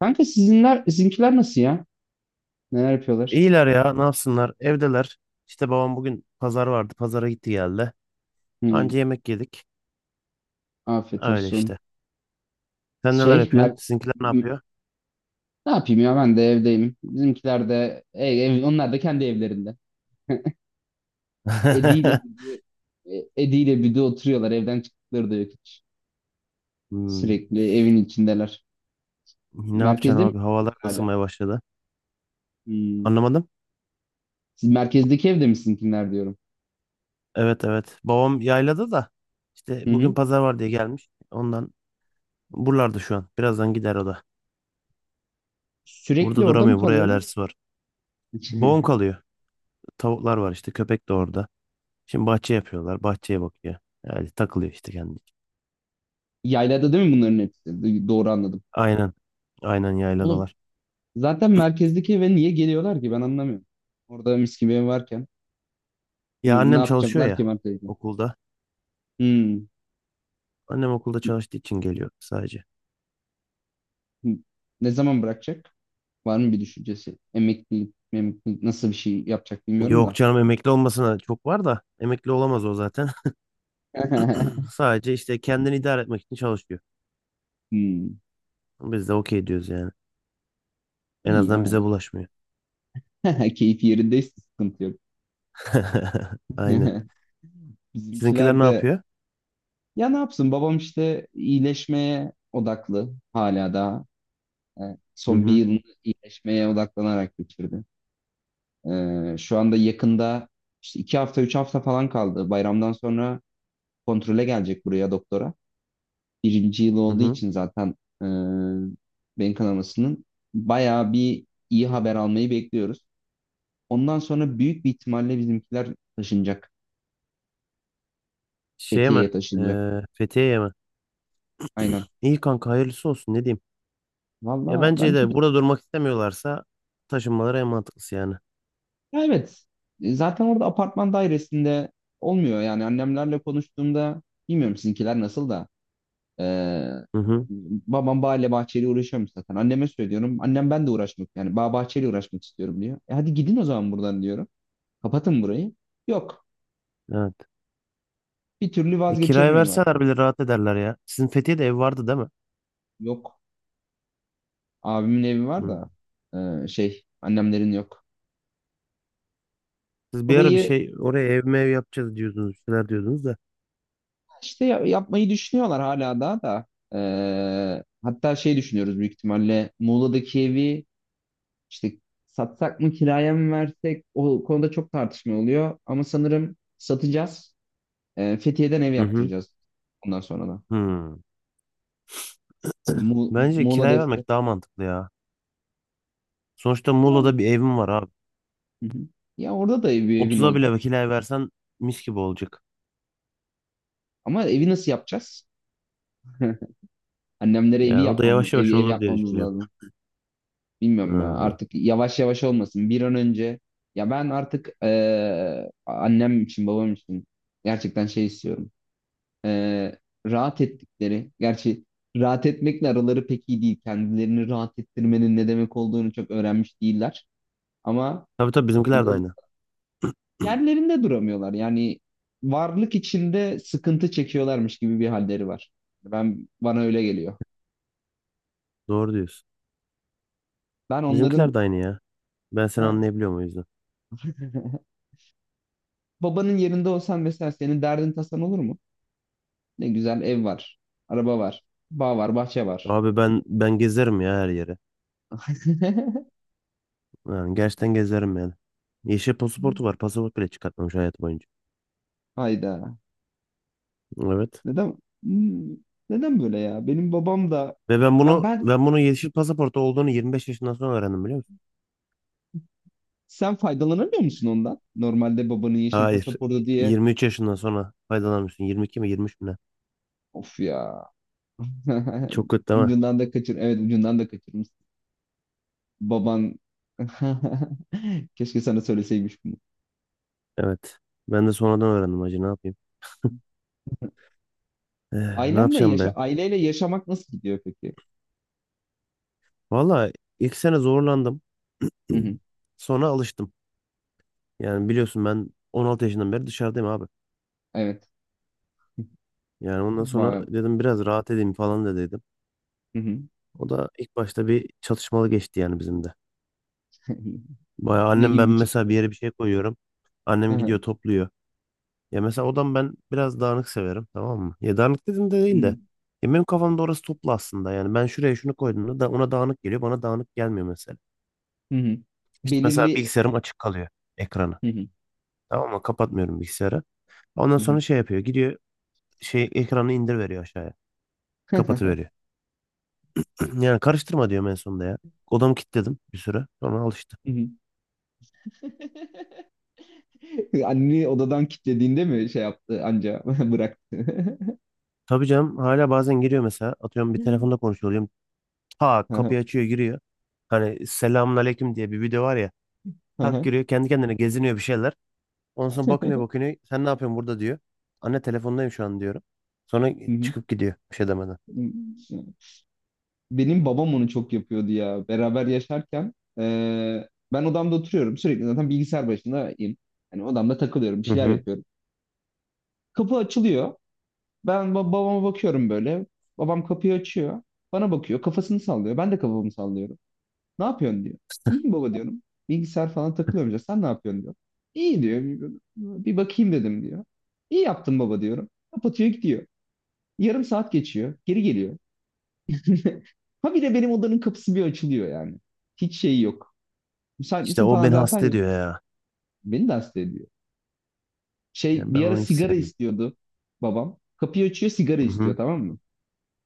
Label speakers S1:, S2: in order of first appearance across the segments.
S1: Kanka sizinkiler nasıl ya? Neler yapıyorlar?
S2: İyiler ya, ne yapsınlar, evdeler. İşte babam bugün pazar vardı, pazara gitti geldi.
S1: Hmm,
S2: Anca yemek yedik,
S1: Afiyet
S2: öyle
S1: olsun.
S2: işte. Sen neler
S1: Şey,
S2: yapıyorsun?
S1: mer-
S2: Sizinkiler ne
S1: m-
S2: yapıyor?
S1: Ne yapayım ya ben de evdeyim. Bizimkiler de, onlar da kendi evlerinde. Edi ile Büdü, Edi ile Büdü oturuyorlar. Evden çıktıkları da yok hiç.
S2: Hmm.
S1: Sürekli evin içindeler.
S2: Ne yapacaksın
S1: Merkezde mi
S2: abi, havalar da
S1: hala?
S2: ısınmaya başladı.
S1: Hmm.
S2: Anlamadım.
S1: Siz merkezdeki evde mi sizinkiler diyorum.
S2: Evet, evet, babam yaylada da işte
S1: Hı
S2: bugün
S1: hı.
S2: pazar var diye gelmiş. Ondan buralarda şu an, birazdan gider o da.
S1: Sürekli
S2: Burada
S1: orada mı
S2: duramıyor, buraya
S1: kalıyorlar?
S2: alerjisi var. Babam kalıyor, tavuklar var işte, köpek de orada. Şimdi bahçe yapıyorlar, bahçeye bakıyor. Yani takılıyor işte kendi.
S1: Yaylada değil mi bunların hepsi? Doğru anladım.
S2: Aynen, aynen
S1: Oğlum,
S2: yayladalar.
S1: zaten merkezdeki eve niye geliyorlar ki ben anlamıyorum. Orada mis gibi ev varken
S2: Ya
S1: ne
S2: annem çalışıyor
S1: yapacaklar ki
S2: ya,
S1: merkezde?
S2: okulda.
S1: Hmm.
S2: Annem okulda çalıştığı için geliyor sadece.
S1: Hmm. Ne zaman bırakacak? Var mı bir düşüncesi? Emeklilik nasıl bir şey yapacak bilmiyorum
S2: Yok
S1: da.
S2: canım, emekli olmasına çok var da emekli olamaz o zaten. Sadece işte kendini idare etmek için çalışıyor.
S1: Hmm.
S2: Biz de okey diyoruz yani. En
S1: İyi
S2: azından
S1: ya.
S2: bize bulaşmıyor.
S1: Keyfi yerindeyse sıkıntı yok.
S2: Aynen. Sizinkiler
S1: Bizimkiler
S2: ne
S1: de,
S2: yapıyor?
S1: ya ne yapsın babam, işte iyileşmeye odaklı hala daha. E,
S2: Hı
S1: Son bir
S2: hı.
S1: yılını iyileşmeye odaklanarak geçirdi. Şu anda yakında işte 2 hafta, 3 hafta falan kaldı. Bayramdan sonra kontrole gelecek buraya doktora. Birinci yıl
S2: Hı
S1: olduğu
S2: hı.
S1: için zaten e, beyin kanamasının bayağı bir iyi haber almayı bekliyoruz. Ondan sonra büyük bir ihtimalle bizimkiler taşınacak.
S2: Şeye mi?
S1: Fethiye'ye taşınacak.
S2: Fethiye'ye mi?
S1: Aynen.
S2: İyi kanka, hayırlısı olsun, ne diyeyim. Ya
S1: Valla
S2: bence
S1: bence
S2: de,
S1: de.
S2: burada durmak istemiyorlarsa taşınmaları en mantıklısı yani.
S1: Ya, evet. Zaten orada apartman dairesinde olmuyor. Yani annemlerle konuştuğumda bilmiyorum sizinkiler nasıl da. Ee,
S2: Hı hı.
S1: Babam bağla bahçeyle uğraşıyormuş zaten. Anneme söylüyorum. Annem ben de uğraşmak yani bağ bahçeyle uğraşmak istiyorum diyor. Hadi gidin o zaman buradan diyorum. Kapatın burayı. Yok.
S2: Evet.
S1: Bir türlü
S2: Kiraya
S1: vazgeçemiyorlar.
S2: verseler bile rahat ederler ya. Sizin Fethiye'de ev vardı değil mi?
S1: Yok. Abimin evi var
S2: Hı.
S1: da annemlerin yok.
S2: Siz bir ara bir
S1: Burayı
S2: şey oraya ev mev yapacağız diyordunuz, bir şeyler diyordunuz da.
S1: işte yapmayı düşünüyorlar hala daha da. Hatta şey düşünüyoruz, büyük ihtimalle Muğla'daki evi işte satsak mı kiraya mı versek, o konuda çok tartışma oluyor. Ama sanırım satacağız. Fethiye'den ev
S2: Hı hı.
S1: yaptıracağız bundan sonra da.
S2: Hmm. Bence
S1: Muğla
S2: kiraya
S1: Defter.
S2: vermek daha mantıklı ya. Sonuçta
S1: Tamam.
S2: Muğla'da bir evim var abi.
S1: Hı hı. Ya orada da ev, bir evin
S2: 30'a
S1: olacak.
S2: bile kiraya versen mis gibi olacak.
S1: Ama evi nasıl yapacağız? Annemlere
S2: Yani o da yavaş yavaş
S1: evi ev
S2: olur diye
S1: yapmamız
S2: düşünüyorum.
S1: lazım. Bilmiyorum ya
S2: Hı.
S1: artık yavaş yavaş olmasın. Bir an önce ya ben artık annem için babam için gerçekten şey istiyorum. Eee, Rahat ettikleri gerçi rahat etmekle araları pek iyi değil. Kendilerini rahat ettirmenin ne demek olduğunu çok öğrenmiş değiller. Ama
S2: Tabii, tabii,
S1: en
S2: bizimkiler de aynı.
S1: yerlerinde duramıyorlar. Yani varlık içinde sıkıntı çekiyorlarmış gibi bir halleri var. Bana öyle geliyor.
S2: Doğru diyorsun.
S1: Ben
S2: Bizimkiler
S1: onların
S2: de aynı ya. Ben seni
S1: ha.
S2: anlayabiliyorum o yüzden.
S1: Babanın yerinde olsan mesela senin derdin tasan olur mu? Ne güzel ev var, araba var, bağ var, bahçe var.
S2: Abi ben gezerim ya her yere. Yani gerçekten gezerim yani. Yeşil pasaportu var. Pasaport bile çıkartmamış hayatı boyunca.
S1: Hayda.
S2: Evet.
S1: Neden Hmm, Neden böyle ya? Benim babam da
S2: Ve ben
S1: ben
S2: bunu
S1: ben
S2: ben bunu yeşil pasaportu olduğunu 25 yaşından sonra öğrendim, biliyor musun?
S1: sen faydalanamıyor musun ondan? Normalde babanın yeşil
S2: Hayır.
S1: pasaportu diye.
S2: 23 yaşından sonra faydalanmışsın. 22 mi 23 mü
S1: Of ya.
S2: ne? Çok kötü değil mi?
S1: Ucundan da kaçır. Evet ucundan da kaçırmış. Baban keşke sana söyleseymiş bunu.
S2: Evet. Ben de sonradan öğrendim hacı, ne yapayım. Eh, ne
S1: Ailenle
S2: yapacağım
S1: yaşa
S2: be?
S1: Aileyle yaşamak nasıl gidiyor peki?
S2: Valla ilk sene zorlandım.
S1: Hı hı.
S2: Sonra alıştım. Yani biliyorsun ben 16 yaşından beri dışarıdayım abi.
S1: Evet.
S2: Yani ondan sonra
S1: Bayağı.
S2: dedim biraz rahat edeyim falan da dedim.
S1: Hı hı.
S2: O da ilk başta bir çatışmalı geçti yani bizim de. Baya,
S1: Ne
S2: annem
S1: gibi
S2: ben
S1: bir
S2: mesela
S1: çatışma?
S2: bir yere bir şey koyuyorum.
S1: Hı
S2: Annem
S1: hı.
S2: gidiyor topluyor. Ya mesela odam, ben biraz dağınık severim, tamam mı? Ya dağınık dedim de,
S1: Hı
S2: değil de.
S1: hı.
S2: Ya benim kafamda orası toplu aslında. Yani ben şuraya şunu koyduğumda da ona dağınık geliyor. Bana dağınık gelmiyor mesela.
S1: Hı hı.
S2: İşte mesela
S1: Belirli.
S2: bilgisayarım açık kalıyor, ekranı.
S1: Hı hı.
S2: Tamam mı? Kapatmıyorum bilgisayarı. Ondan
S1: Hı hı.
S2: sonra şey yapıyor. Gidiyor şey, ekranı indir veriyor aşağıya. Kapatıveriyor. Yani karıştırma diyorum en sonunda ya. Odamı kilitledim bir süre. Sonra alıştı.
S1: Hı hı. Anne odadan kilitlediğinde mi şey yaptı anca bıraktı.
S2: Tabii canım, hala bazen giriyor mesela. Atıyorum bir telefonda konuşuyor oluyorum. Tak
S1: Hı hı.
S2: kapıyı açıyor giriyor. Hani selamun aleyküm diye bir video var ya.
S1: Hı
S2: Kalk
S1: hı.
S2: giriyor kendi kendine geziniyor bir şeyler. Ondan sonra bakınıyor bakınıyor. Sen ne yapıyorsun burada diyor. Anne telefondayım şu an diyorum. Sonra çıkıp gidiyor bir şey demeden.
S1: Hı hı. Benim babam onu çok yapıyordu ya. Beraber yaşarken ben odamda oturuyorum. Sürekli zaten bilgisayar başındayım. Hani odamda takılıyorum. Bir
S2: Hı
S1: şeyler
S2: hı.
S1: yapıyorum. Kapı açılıyor. Ben babama bakıyorum böyle. Babam kapıyı açıyor. Bana bakıyor. Kafasını sallıyor. Ben de kafamı sallıyorum. Ne yapıyorsun diyor. İyiyim baba diyorum. Bilgisayar falan takılıyorum diyor. Sen ne yapıyorsun diyor. İyi diyor. Bir bakayım dedim diyor. İyi yaptın baba diyorum. Kapatıyor gidiyor. Yarım saat geçiyor. Geri geliyor. Ha bir de benim odanın kapısı bir açılıyor yani. Hiç şey yok. Müsait
S2: İşte
S1: misin
S2: o
S1: falan
S2: beni
S1: zaten
S2: hasta
S1: yok.
S2: ediyor ya.
S1: Beni de hasta ediyor. Şey
S2: Yani ben
S1: bir ara
S2: onu hiç
S1: sigara
S2: sevmem.
S1: istiyordu babam. Kapıyı açıyor sigara
S2: Hı
S1: istiyor
S2: hı.
S1: tamam mı?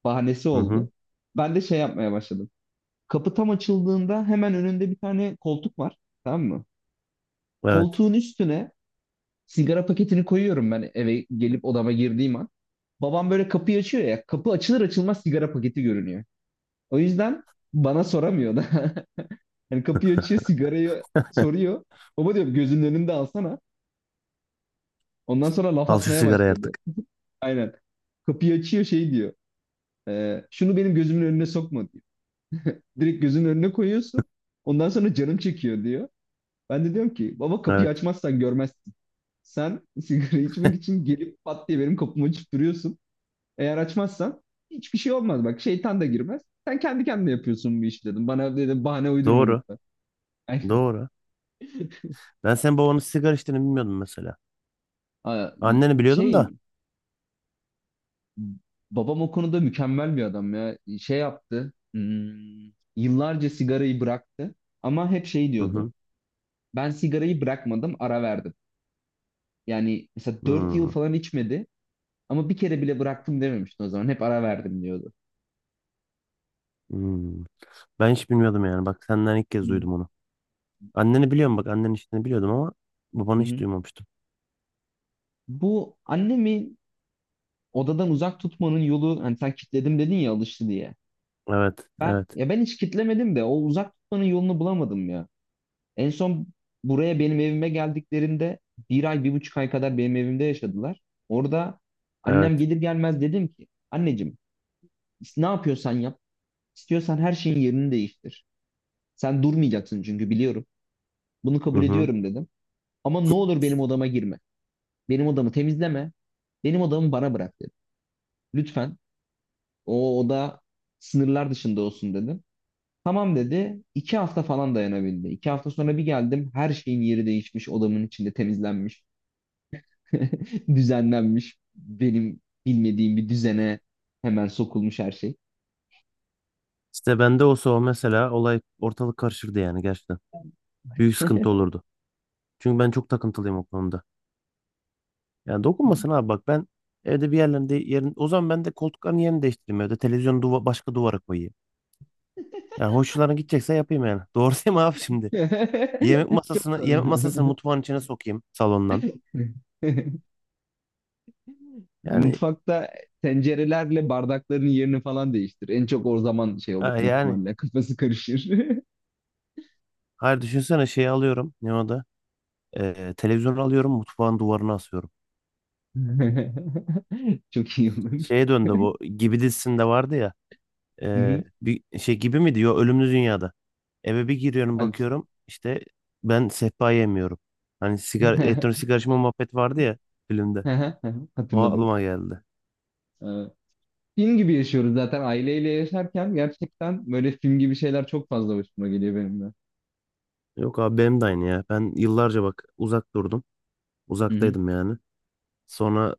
S1: Bahanesi
S2: Hı hı.
S1: oldu. Ben de şey yapmaya başladım. Kapı tam açıldığında hemen önünde bir tane koltuk var. Tamam mı?
S2: Evet.
S1: Koltuğun üstüne sigara paketini koyuyorum ben eve gelip odama girdiğim an. Babam böyle kapıyı açıyor ya. Kapı açılır açılmaz sigara paketi görünüyor. O yüzden bana soramıyor da. Yani kapıyı açıyor, sigarayı soruyor. Baba diyor gözünün önünde alsana. Ondan sonra laf
S2: Al şu
S1: atmaya
S2: sigarayı
S1: başladı.
S2: artık.
S1: Aynen. Kapıyı açıyor şey diyor. Şunu benim gözümün önüne sokma diyor. Direkt gözünün önüne koyuyorsun. Ondan sonra canım çekiyor diyor. Ben de diyorum ki baba kapıyı
S2: Evet.
S1: açmazsan görmezsin. Sen sigara içmek için gelip pat diye benim kapıma açıp duruyorsun. Eğer açmazsan hiçbir şey olmaz. Bak şeytan da girmez. Sen kendi kendine yapıyorsun bu işi dedim. Bana dedim bahane uydurma
S2: Doğru.
S1: lütfen. Aynen.
S2: Doğru. Ben senin babanın sigara içtiğini bilmiyordum mesela.
S1: Aa,
S2: Anneni biliyordum da.
S1: Şey babam o konuda mükemmel bir adam ya. Şey yaptı. Yıllarca sigarayı bıraktı ama hep şey
S2: Hı
S1: diyordu.
S2: hı.
S1: Ben sigarayı bırakmadım, ara verdim. Yani mesela 4 yıl
S2: Hı.
S1: falan içmedi ama bir kere bile bıraktım dememişti o zaman. Hep ara verdim diyordu.
S2: Hı. Ben hiç bilmiyordum yani. Bak senden ilk
S1: Hı
S2: kez duydum onu. Anneni biliyorum, bak annenin içtiğini biliyordum ama
S1: hı.
S2: babanı hiç
S1: Hı.
S2: duymamıştım.
S1: Bu annemi odadan uzak tutmanın yolu hani sen kitledim dedin ya alıştı diye.
S2: Evet.
S1: Ben
S2: Evet.
S1: ya ben hiç kitlemedim de o uzak tutmanın yolunu bulamadım ya. En son buraya benim evime geldiklerinde bir ay, bir buçuk ay kadar benim evimde yaşadılar. Orada
S2: Evet.
S1: annem gelir gelmez dedim ki, anneciğim ne yapıyorsan yap, istiyorsan her şeyin yerini değiştir. Sen durmayacaksın çünkü biliyorum. Bunu
S2: Hı
S1: kabul
S2: hı.
S1: ediyorum dedim. Ama ne olur benim odama girme. Benim odamı temizleme. Benim odamı bana bırak dedim. Lütfen o oda sınırlar dışında olsun dedim. Tamam dedi. 2 hafta falan dayanabildi. 2 hafta sonra bir geldim. Her şeyin yeri değişmiş. Odamın içinde temizlenmiş. Düzenlenmiş benim bilmediğim bir düzene hemen sokulmuş her şey.
S2: İşte bende olsa o mesela, olay ortalık karışırdı yani gerçekten. Büyük sıkıntı olurdu. Çünkü ben çok takıntılıyım o konuda. Yani dokunmasın abi, bak ben evde bir yerlerinde yerin, o zaman ben de koltukların yerini değiştireyim evde. Televizyonu başka duvara koyayım. Yani hoşçularına gidecekse yapayım yani. Doğru değil mi abi şimdi? Yemek
S1: Çok
S2: masasını yemek masasını
S1: tanıdım.
S2: mutfağın içine sokayım salondan. Yani
S1: Mutfakta tencerelerle bardakların yerini falan değiştir. En çok o zaman şey olur
S2: ha,
S1: büyük
S2: yani
S1: ihtimalle. Kafası karışır.
S2: hayır düşünsene şeyi alıyorum ne o da? Televizyonu alıyorum mutfağın duvarına asıyorum.
S1: Çok iyi olur.
S2: Şeye döndü bu gibi dizisinde vardı ya.
S1: Hı
S2: Ee,
S1: hı.
S2: bir şey gibi mi diyor ölümlü dünyada. Eve bir giriyorum
S1: Hangisi?
S2: bakıyorum işte ben sehpa yemiyorum. Hani sigara, elektronik sigara içme muhabbet vardı ya filmde. O
S1: Hatırladım.
S2: aklıma geldi.
S1: Ee, Film gibi yaşıyoruz zaten aileyle yaşarken gerçekten böyle film gibi şeyler çok fazla hoşuma geliyor benim de.
S2: Yok abi benim de aynı ya. Ben yıllarca bak uzak durdum. Uzaktaydım yani. Sonra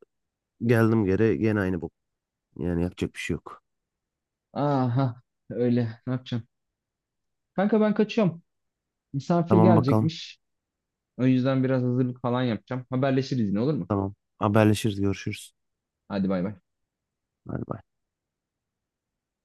S2: geldim geri gene aynı bu. Yani yapacak bir şey yok.
S1: Aha öyle ne yapacağım? Kanka ben kaçıyorum. Misafir
S2: Tamam bakalım.
S1: gelecekmiş. O yüzden biraz hazırlık falan yapacağım. Haberleşiriz yine olur mu?
S2: Tamam. Haberleşiriz görüşürüz.
S1: Hadi bay bay.
S2: Bay bay.